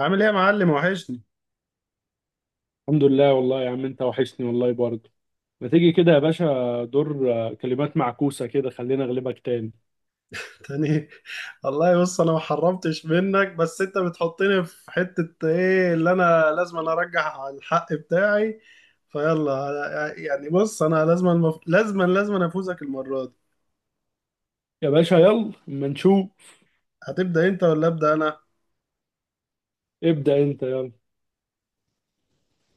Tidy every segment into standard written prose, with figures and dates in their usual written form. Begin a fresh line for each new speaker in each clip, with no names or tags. عامل ايه يا معلم؟ وحشني.
الحمد لله والله يا عم انت وحشني والله برضه. ما تيجي كده يا باشا دور، كلمات معكوسة كده خلينا اغلبك تاني.
تاني. والله بص انا ما حرمتش منك، بس انت بتحطني في حتة ايه؟ اللي انا لازم أنا ارجع الحق بتاعي. فيلا يعني، بص انا لازم لازم أنا افوزك المرة دي.
يا باشا يلا اما نشوف.
هتبدأ انت ولا ابدأ انا؟
ابدأ انت يلا.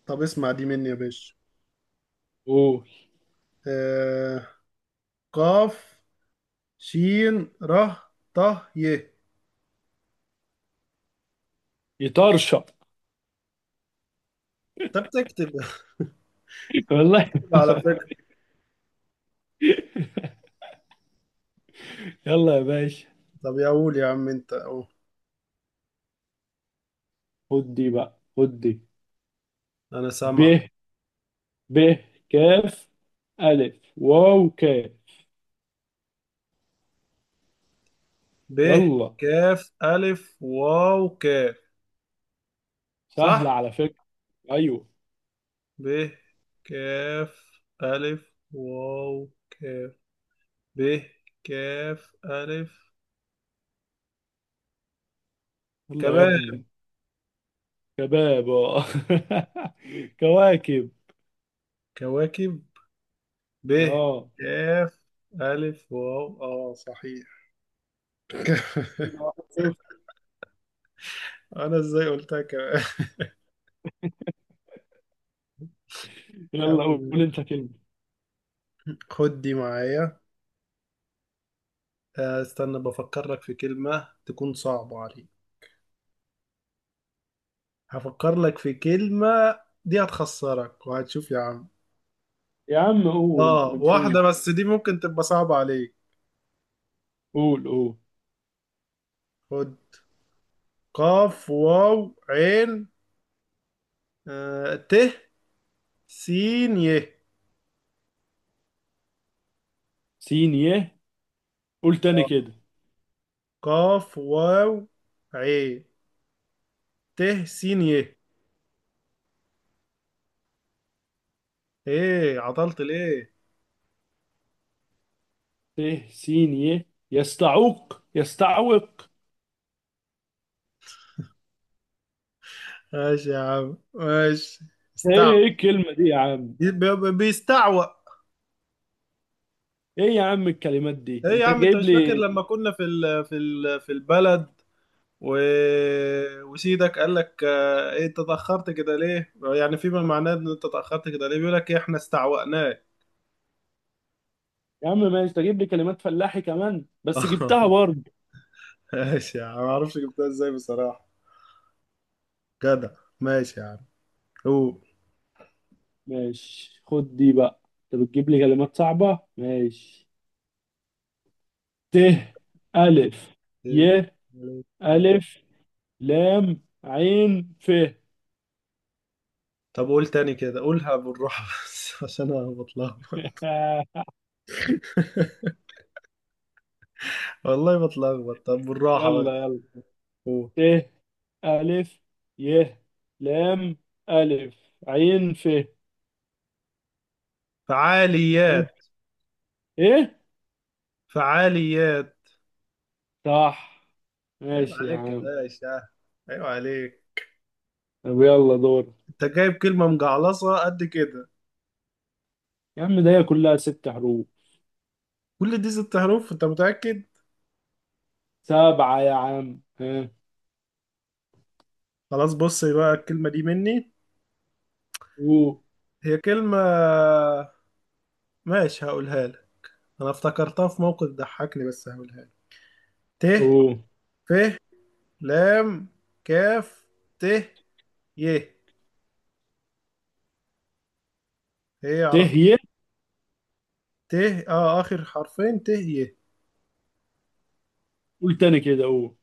طب اسمع دي مني يا باشا.
قول.
آه... قاف، شين، ره، طه، ي.
يطرشق.
انت بتكتب؟
والله.
على فكرة.
يلا يا باشا،
طب يا قول يا عم انت اهو.
خد دي بقى، خد دي.
انا
ب،
سامع.
ب، كاف، ألف، واو، كاف.
ب،
يلا.
كاف، ألف، واو، كاف.
سهلة
صح.
على فكرة. ايوه.
ب، كاف، ألف، واو، كاف. ب، كاف، ألف.
يلا يا
كباب.
ابني. شباب. كواكب،
كواكب. ب،
اه.
كاف، ألف، واو، اه صحيح.
كده 1-0.
أنا ازاي قلتها كمان؟
يلا
يعني
قول انت كلمة.
خد دي معايا. استنى بفكر لك في كلمة تكون صعبة عليك. هفكر لك في كلمة، دي هتخسرك وهتشوف يا عم.
يا عم قول
اه،
ما
واحدة
نشوف.
بس دي ممكن تبقى صعبة عليك.
قول، قول.
خد، قاف، واو، عين، ت، سين، ي.
سين يه. قول تاني
آه،
كده.
قاف، واو، عين، ت، سين، ي. ايه؟ عطلت ليه؟
ت، سين يه. يستعوق، يستعوق.
ماشي يا عم، ماشي.
ايه ايه
استعوى.
الكلمة دي يا عم؟
بيستعوى.
ايه يا عم الكلمات دي
ايه يا
انت
عم، انت
جايب
مش فاكر
لي؟
لما كنا في البلد و... وسيدك قال لك، ايه انت اتاخرت كده ليه؟ يعني فيما معناه ان انت اتاخرت كده ليه؟ بيقول لك، إيه، احنا استعوأناه.
يا عم ماشي، تجيب لي كلمات فلاحي كمان، بس جبتها برضه.
ماشي يا عم، ما اعرفش جبتها ازاي بصراحة. جدع. ماشي يا عم. قول.
ماشي خد دي بقى. انت بتجيب لي كلمات صعبة ماشي. ت،
انت؟
ألف،
إيه؟
ي،
عليك؟ إيه؟
ألف، لام، عين، ف.
طب قول تاني كده، قولها بالراحة بس عشان أنا بتلخبط. والله بتلخبط، طب بالراحة بس.
يلا يلا.
قول.
ت، ألف، ي، لام، ألف، عين، ف إيه؟
فعاليات.
إيه؟
فعاليات.
صح.
عيب
ماشي يا
عليك يا
عم.
باشا، عيب عليك.
طب يلا دور.
أنت جايب كلمة مجعلصة قد كده.
يا عم ده هي كلها ست حروف.
كل دي ست حروف؟ أنت متأكد؟
سبعة يا عم ها.
خلاص بص بقى، الكلمة دي مني.
أو.
هي كلمة، ماشي هقولها لك. أنا افتكرتها في موقف ضحكني، بس هقولها لك. ت،
أو.
ف، لام، كاف، ت، ي. هي
ت،
عرفت.
ي.
ت، اه اخر حرفين، ت، ي.
قول تاني كده. أو،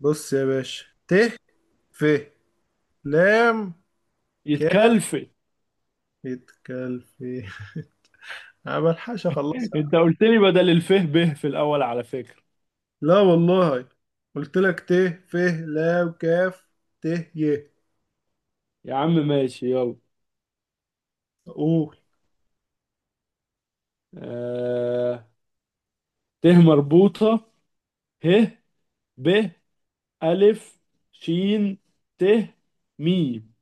بص يا باشا، ت، ف، لام، كاف.
يتكلفت.
يتكل في انا بلحقش اخلصها.
أنت قلت لي بدل الف ب في الأول على فكرة.
لا والله، قلت لك ت، ف، لام، كاف، ت، ي.
يا عم ماشي يلا.
قول.
آه... ت مربوطة، ه، ب، ألف، شين، ت، ميم.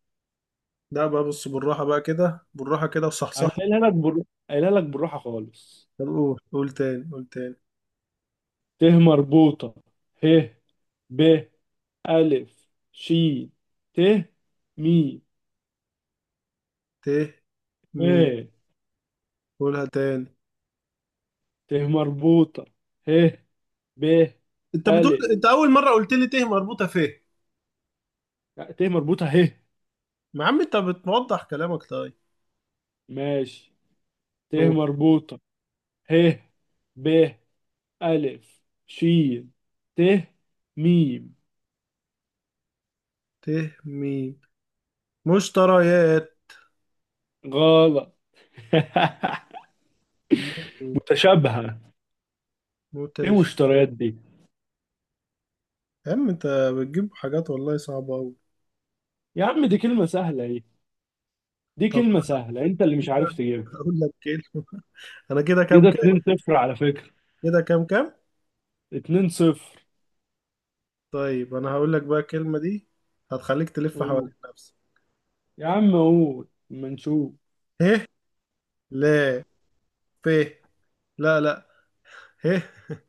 لا بقى، بص بالراحة بقى كده، بالراحة كده
انا
وصحصح لي.
قايلها لك بر... قايلها لك بالراحه خالص.
طب قول قول تاني، قول تاني.
ت مربوطه، ه، ب، الف، ش، ت، مي،
ت، مين؟
م.
قولها تاني.
ت مربوطه، ه، ب،
انت بتقول
الف.
انت اول مرة قلت لي ت مربوطة ف.
لا، ت مربوطه، ه.
ما عم انت بتوضح كلامك، طيب.
ماشي. ت مربوطه، ه، ب، الف، ش، ت، ميم.
متهمين. مشتريات.
غلط.
م-
متشابهه. ايه
متش
المشتريات دي؟
يا عم انت بتجيب حاجات والله صعبة أوي.
يا عم دي كلمه سهله اهي. دي
طب
كلمه
انا
سهله، انت اللي مش عارف تجيبها.
هقول لك كلمة. انا كده
كده
كام كام؟
2-0 على فكرة.
كده كام كام؟
2-0.
طيب انا هقول لك بقى الكلمة دي، هتخليك تلف
اوه.
حوالين نفسك.
يا عم قول اما نشوف.
ه، لا، ف، لا، لا، ه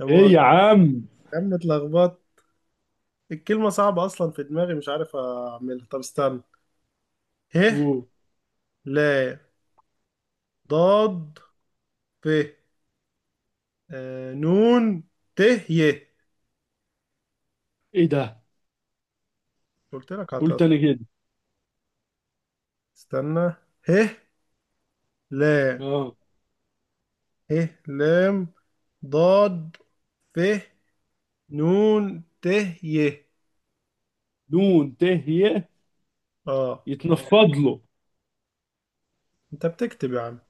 يا
ايه يا
مؤاخذة.
عم؟
يا عم اتلخبطت، الكلمة صعبة أصلا، في دماغي مش عارف أعملها. طب استنى. ه،
اوه.
لا، ضاد، ف، نون، ت، ي.
ايه ده؟
قلت لك
قول
هتقطع.
تاني كده.
استنى. ه، لا،
اه.
ه، لام، ضاد، ف، نون، ت، ي.
دون، ت، ي.
اه.
يتنفض له.
انت بتكتب يا عم؟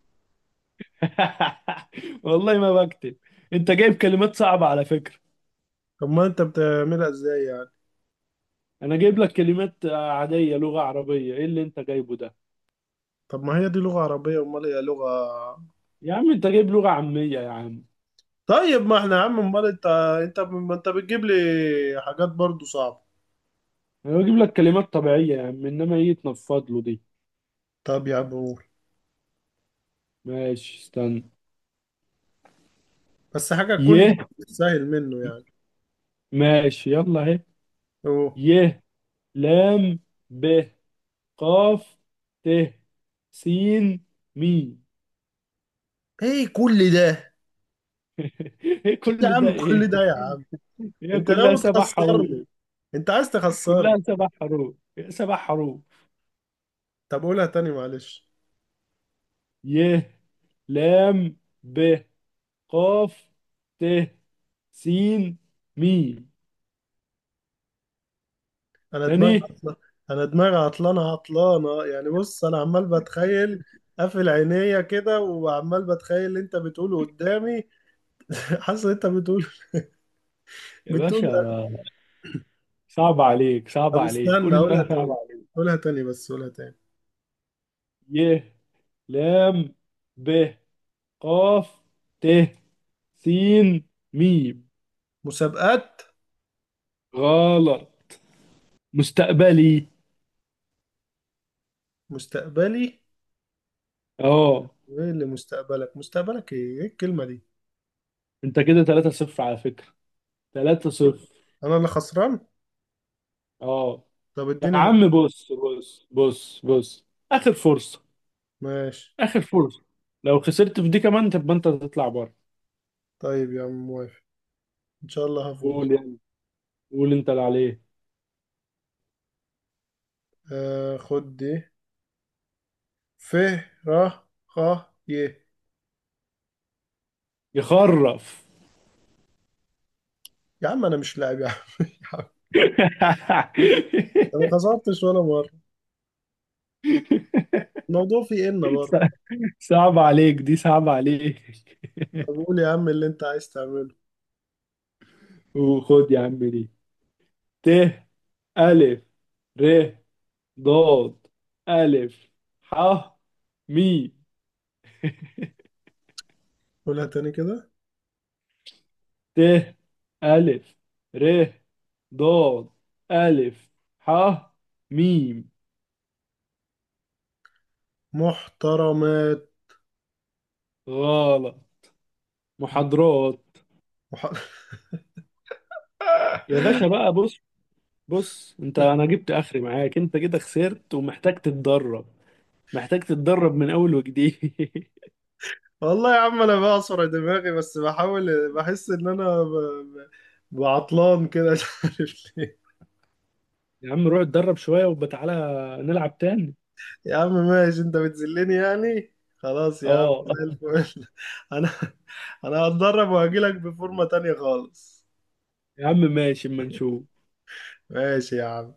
والله ما بكتب. انت جايب كلمات صعبة على فكرة.
طب ما انت بتعملها ازاي يعني؟
انا جايب لك كلمات عادية، لغة عربية، ايه اللي انت جايبه ده؟
طب ما هي دي لغة عربية، امال هي لغة؟
يا عم انت جايب لغة عامية يا عم.
طيب ما احنا يا عم، امال انت؟ انت ما انت بتجيب لي حاجات برضو صعبة.
انا بجيب لك كلمات طبيعية يا عم، انما ايه يتنفض له دي؟
طب يا عم قول،
ماشي استنى.
بس حاجة تكون
ي.
سهل منه يعني.
ماشي يلا اهي.
اوه.
ي، لام، ب، قاف، ت، سين، ميم.
ايه كل ده؟
ايه
إيه
كل
يا
ده
عم كل
ايه؟
ده يا عم؟
هي
انت
كلها
ناوي
سبع حروف.
تخسرني؟ انت عايز تخسرني؟
كلها سبع حروف. سبع حروف.
طب قولها تاني معلش.
ي، لام، ب، قاف، ت، سين، ميم.
انا
تاني.
دماغي عطلانه. انا دماغي عطلانه عطلانه، يعني بص انا عمال بتخيل، قافل عينيا كده وعمال بتخيل اللي انت بتقوله قدامي. حاسس ان انت بتقول،
يا
بتقول.
باشا صعب عليك، صعب
طب
عليك،
استنى،
كل اللي
قولها
انا صعب
تاني،
عليك.
قولها تاني بس، قولها تاني.
ي، لام، ب، قاف، ت، سين، ميم.
مسابقات.
غلط. مستقبلي.
مستقبلي.
اه.
وايه اللي مستقبلك؟ مستقبلك ايه؟ ايه الكلمة دي؟
انت كده 3-0 على فكرة. 3-0.
انا اللي خسران.
اه.
طب
يا
اديني
عم بص بص بص بص، اخر فرصة،
ماشي.
اخر فرصة. لو خسرت في دي كمان تبقى انت تطلع بره.
طيب يا عم موافق، ان شاء الله هفوز.
قول يعني. قول انت اللي عليه.
خد دي. ف، ر، خ، ي.
يخرف.
يا عم انا مش لاعب يا عم يا عم انا ما خسرتش ولا مره، الموضوع فيه ان برضه.
صع- صعب عليك دي، صعب عليك.
طب قول يا عم اللي انت عايز تعمله.
وخد يا عم دي. ت، ألف، ر، ضاد، ألف، ح، مي.
قولها تاني كده.
ت، ألف، ر، ضاد، ألف، ح، ميم.
محترمات.
غلط. محاضرات.
مح...
يا باشا بقى بص. بص انت، انا جبت اخري معاك، انت كده خسرت ومحتاج تتدرب. محتاج تتدرب من اول وجديد.
والله يا عم انا بعصر دماغي، بس بحاول بحس ان انا بعطلان كده مش عارف ليه.
يا عم روح اتدرب شوية وبتعالى نلعب تاني.
يا عم ماشي، انت بتذلني يعني، خلاص يا عم
اه.
زي الفل. انا انا هتدرب وهجيلك بفورمة تانية خالص.
يا عم ماشي اما نشوف.
ماشي يا عم.